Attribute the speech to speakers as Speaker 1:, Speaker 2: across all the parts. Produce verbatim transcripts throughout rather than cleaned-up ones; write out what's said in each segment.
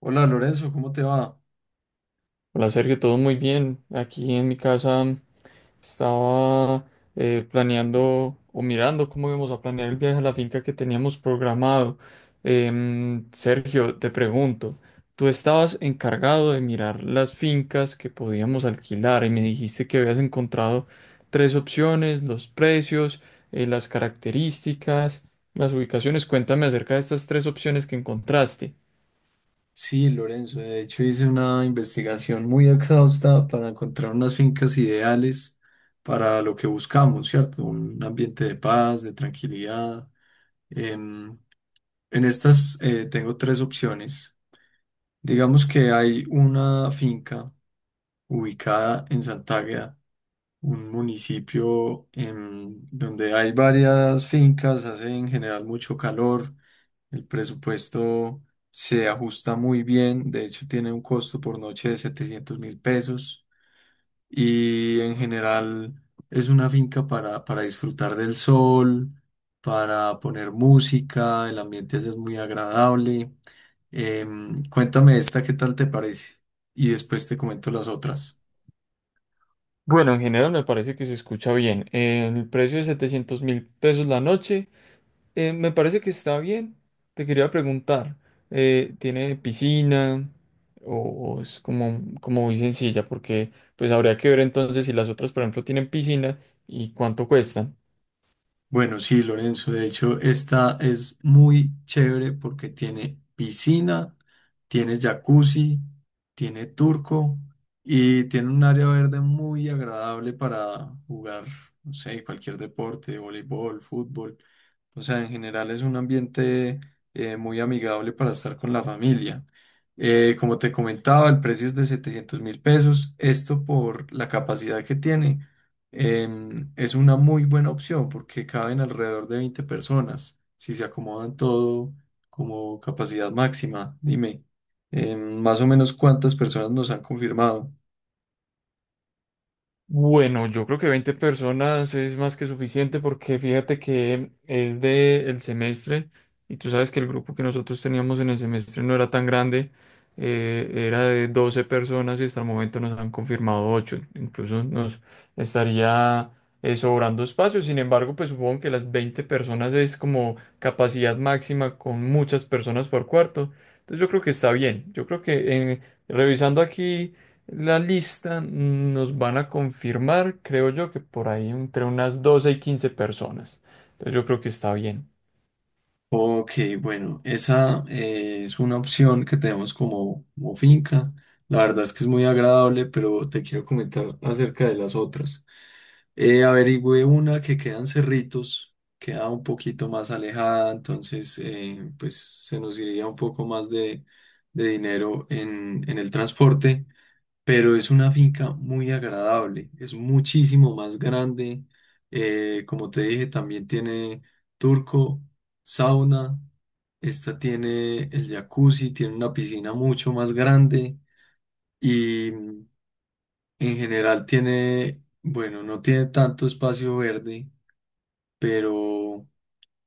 Speaker 1: Hola Lorenzo, ¿cómo te va?
Speaker 2: Hola Sergio, todo muy bien. Aquí en mi casa, mm, estaba eh, planeando o mirando cómo íbamos a planear el viaje a la finca que teníamos programado. Em, Sergio, te pregunto, tú estabas encargado de mirar las fincas que podíamos alquilar y me dijiste que habías encontrado tres opciones, los precios, eh, las características, las ubicaciones. Cuéntame acerca de estas tres opciones que encontraste.
Speaker 1: Sí, Lorenzo, de hecho hice una investigación muy exhausta para encontrar unas fincas ideales para lo que buscamos, ¿cierto? Un ambiente de paz, de tranquilidad. Em, en estas eh, tengo tres opciones. Digamos que hay una finca ubicada en Santágueda, un municipio em, donde hay varias fincas, hace en general mucho calor. El presupuesto se ajusta muy bien, de hecho tiene un costo por noche de setecientos mil pesos y en general es una finca para, para disfrutar del sol, para poner música, el ambiente es muy agradable. Em, cuéntame esta, ¿qué tal te parece? Y después te comento las otras.
Speaker 2: Bueno, en general me parece que se escucha bien. Eh, el precio de setecientos mil pesos la noche, eh, me parece que está bien. Te quería preguntar, eh, ¿tiene piscina o, o es como, como muy sencilla? Porque pues habría que ver entonces si las otras, por ejemplo, tienen piscina y cuánto cuestan.
Speaker 1: Bueno, sí, Lorenzo, de hecho, esta es muy chévere porque tiene piscina, tiene jacuzzi, tiene turco y tiene un área verde muy agradable para jugar, no sé, cualquier deporte, voleibol, fútbol. O sea, en general es un ambiente eh, muy amigable para estar con la familia. Eh, como te comentaba, el precio es de setecientos mil pesos, esto por la capacidad que tiene. Em, es una muy buena opción porque caben alrededor de veinte personas, si se acomodan todo como capacidad máxima. Dime, em, más o menos cuántas personas nos han confirmado.
Speaker 2: Bueno, yo creo que veinte personas es más que suficiente porque fíjate que es de el semestre y tú sabes que el grupo que nosotros teníamos en el semestre no era tan grande, eh, era de doce personas y hasta el momento nos han confirmado ocho, incluso nos estaría eh, sobrando espacio. Sin embargo, pues supongo que las veinte personas es como capacidad máxima con muchas personas por cuarto, entonces yo creo que está bien. Yo creo que, eh, revisando aquí, la lista nos van a confirmar, creo yo, que por ahí entre unas doce y quince personas. Entonces yo creo que está bien.
Speaker 1: Ok, bueno, esa eh, es una opción que tenemos como, como finca. La verdad es que es muy agradable, pero te quiero comentar acerca de las otras. Eh, averigüé una que quedan Cerritos, queda un poquito más alejada, entonces eh, pues se nos iría un poco más de, de dinero en, en el transporte, pero es una finca muy agradable, es muchísimo más grande, eh, como te dije, también tiene turco, sauna, esta tiene el jacuzzi, tiene una piscina mucho más grande y mm, en general tiene, bueno, no tiene tanto espacio verde pero,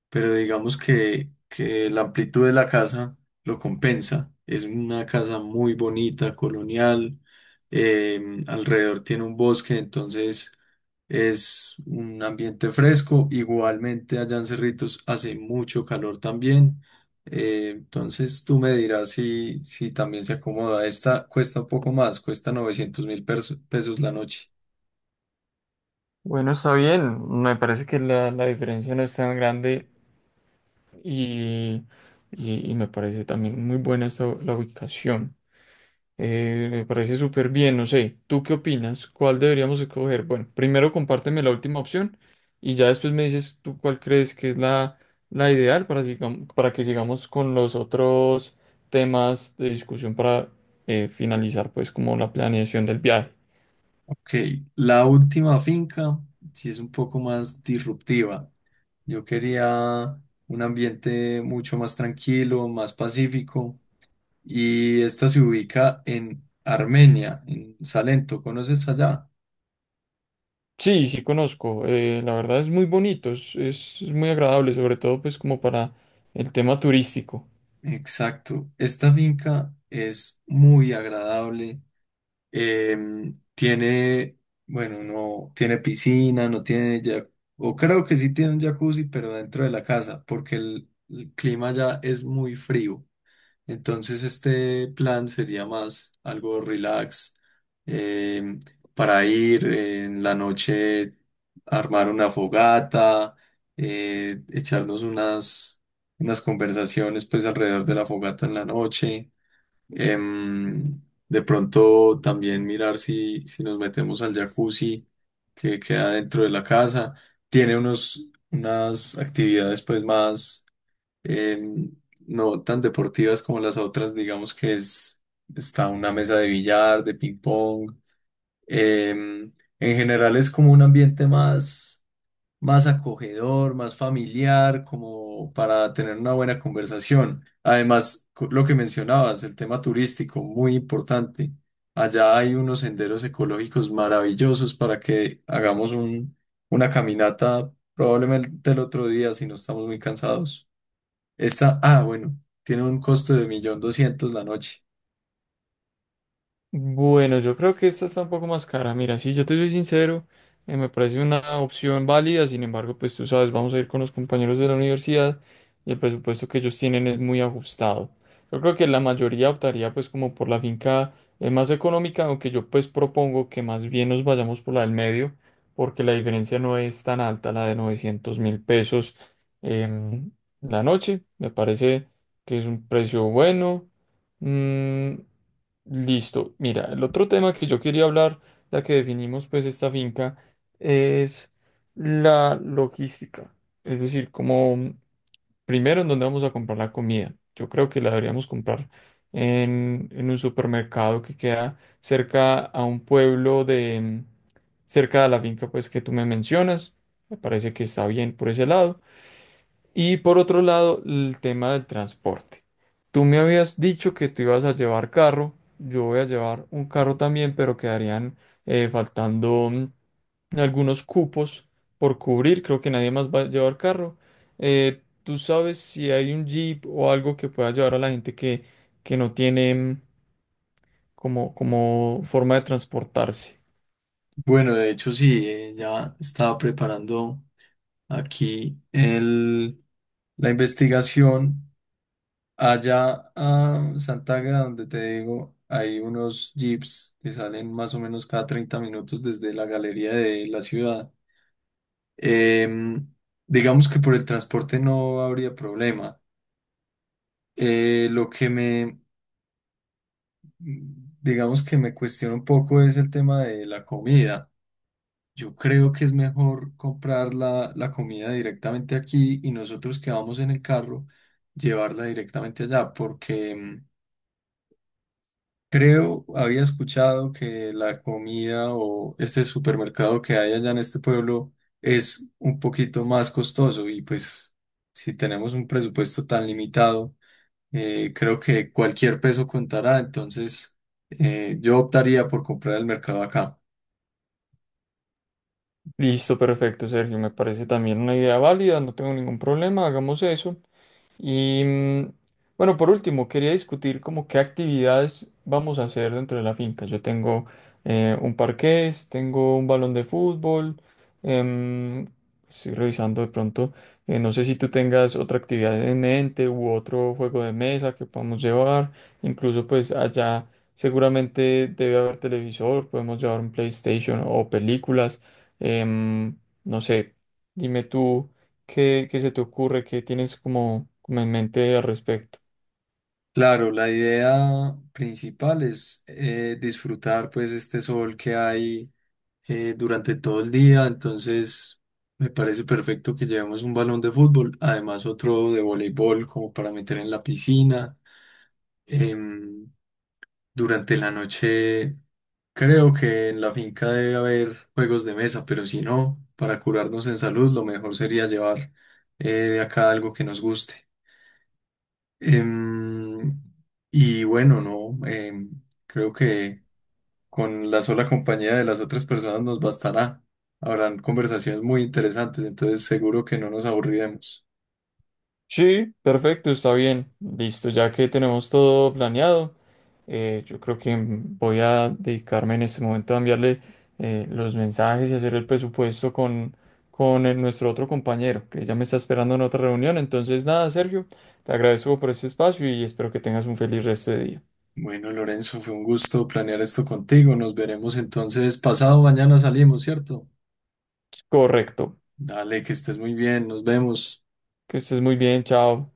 Speaker 1: pero digamos que, que la amplitud de la casa lo compensa. Es una casa muy bonita, colonial, em, alrededor tiene un bosque, entonces es un ambiente fresco. Igualmente allá en Cerritos hace mucho calor también. Eh, entonces tú me dirás si, si también se acomoda. Esta cuesta un poco más, cuesta novecientos mil pesos la noche.
Speaker 2: Bueno, está bien. Me parece que la, la diferencia no es tan grande y, y- y me parece también muy buena esa, la ubicación. Eh, me parece súper bien, no sé. ¿Tú qué opinas? ¿Cuál deberíamos escoger? Bueno, primero compárteme la última opción y ya después me dices tú cuál crees que es la, la ideal para sigam- para que sigamos con los otros temas de discusión para eh, finalizar pues como la planeación del viaje.
Speaker 1: Ok, la última finca sí es un poco más disruptiva. Yo quería un ambiente mucho más tranquilo, más pacífico, y esta se ubica en Armenia, en Salento. ¿Conoces allá?
Speaker 2: Sí, sí conozco. Eh, la verdad es muy bonito, es, es muy agradable, sobre todo pues como para el tema turístico.
Speaker 1: Exacto. Esta finca es muy agradable. Em, tiene, bueno, no tiene piscina, no tiene ya, o creo que sí tiene un jacuzzi, pero dentro de la casa, porque el el clima ya es muy frío. Entonces este plan sería más algo relax, eh, para ir eh, en la noche, armar una fogata, eh, echarnos unas, unas conversaciones pues alrededor de la fogata en la noche. Em, de pronto también mirar si, si nos metemos al jacuzzi que queda dentro de la casa. Tiene unos, unas actividades pues más em, no tan deportivas como las otras, digamos que es, está una mesa de billar, de ping pong. em, en general es como un ambiente más, más acogedor, más familiar, como para tener una buena conversación. Además, co- lo que mencionabas, el tema turístico, muy importante. Allá hay unos senderos ecológicos maravillosos para que hagamos un, una caminata probablemente el otro día si no estamos muy cansados. Esta, ah, bueno, tiene un costo de un millón doscientos la noche.
Speaker 2: Bueno, yo creo que esta está un poco más cara. Mira, si yo te soy sincero, eh, me parece una opción válida. Sin embargo, pues tú sabes, vamos a ir con los compañeros de la universidad y el presupuesto que ellos tienen es muy ajustado. Yo creo que la mayoría optaría pues como por la finca eh, más económica, aunque yo pues propongo que más bien nos vayamos por la del medio, porque la diferencia no es tan alta, la de novecientos mil pesos em, la noche. Me parece que es un precio bueno. Mm, Listo. Mira, el otro tema que yo quería hablar, ya que definimos pues esta finca, es la logística. Es decir, como, mm, primero en dónde vamos a comprar la comida. Yo creo que la deberíamos comprar en, en un supermercado que queda cerca a un pueblo de, mm, cerca de la finca pues que tú me mencionas. Me parece que está bien por ese lado. Y por otro lado, el tema del transporte. Tú me habías dicho que tú ibas a llevar carro, yo voy a llevar un carro también, pero quedarían eh, faltando mm, algunos cupos por cubrir. Creo que nadie más va a llevar carro. Eh, ¿tú sabes si hay un Jeep o algo que pueda llevar a la gente que, que no tiene, mm, como, como forma de transportarse?
Speaker 1: Bueno, de hecho sí, eh, ya estaba preparando aquí el, la investigación. Allá a Santaga, donde te digo, hay unos jeeps que salen más o menos cada treinta minutos desde la galería de la ciudad. Em, digamos que por el transporte no habría problema. Eh, lo que me, digamos que me cuestiona un poco es el tema de la comida. Yo creo que es mejor comprar la, la comida directamente aquí y nosotros que vamos en el carro llevarla directamente allá, porque mm, creo, había escuchado que la comida o este supermercado que hay allá en este pueblo es un poquito más costoso y pues si tenemos un presupuesto tan limitado, eh, creo que cualquier peso contará, entonces eh, yo optaría por comprar el mercado acá.
Speaker 2: Listo, perfecto, Sergio. Me parece también una idea válida, no tengo ningún problema, hagamos eso. Y mm, bueno, por último, quería discutir como qué actividades vamos a hacer dentro de la finca. Yo tengo eh, un parqués, tengo un balón de fútbol, em, estoy revisando de pronto, eh, no sé si tú tengas otra actividad en mente u otro juego de mesa que podamos llevar. Incluso pues allá seguramente debe haber televisor, podemos llevar un PlayStation o películas. em, no sé, dime tú. ¿Qué, ¿qué se te ocurre? ¿Qué tienes como, como en mente al respecto?
Speaker 1: Claro, la idea principal es eh, disfrutar pues este sol que hay eh, durante todo el día, entonces me parece perfecto que llevemos un balón de fútbol, además otro de voleibol como para meter en la piscina. Em, Durante la noche creo que en la finca debe haber juegos de mesa, pero si no, para curarnos en salud lo mejor sería llevar eh, de acá algo que nos guste. Em, y bueno, no, em, creo que con la sola compañía de las otras personas nos bastará. Habrán conversaciones muy interesantes, entonces seguro que no nos aburriremos.
Speaker 2: Sí, perfecto, está bien. Listo, ya que tenemos todo planeado, eh, yo creo que, mm, voy a dedicarme en este momento a enviarle eh, los mensajes y hacer el presupuesto con, con el- nuestro otro compañero, que ya me está esperando en otra reunión. Entonces, nada, Sergio, te agradezco por este espacio y espero que tengas un feliz resto de día.
Speaker 1: Bueno, Lorenzo, fue un gusto planear esto contigo. Nos veremos entonces pasado mañana salimos, ¿cierto?
Speaker 2: Correcto,
Speaker 1: Dale, que estés muy bien, nos vemos.
Speaker 2: que estés muy bien, chao.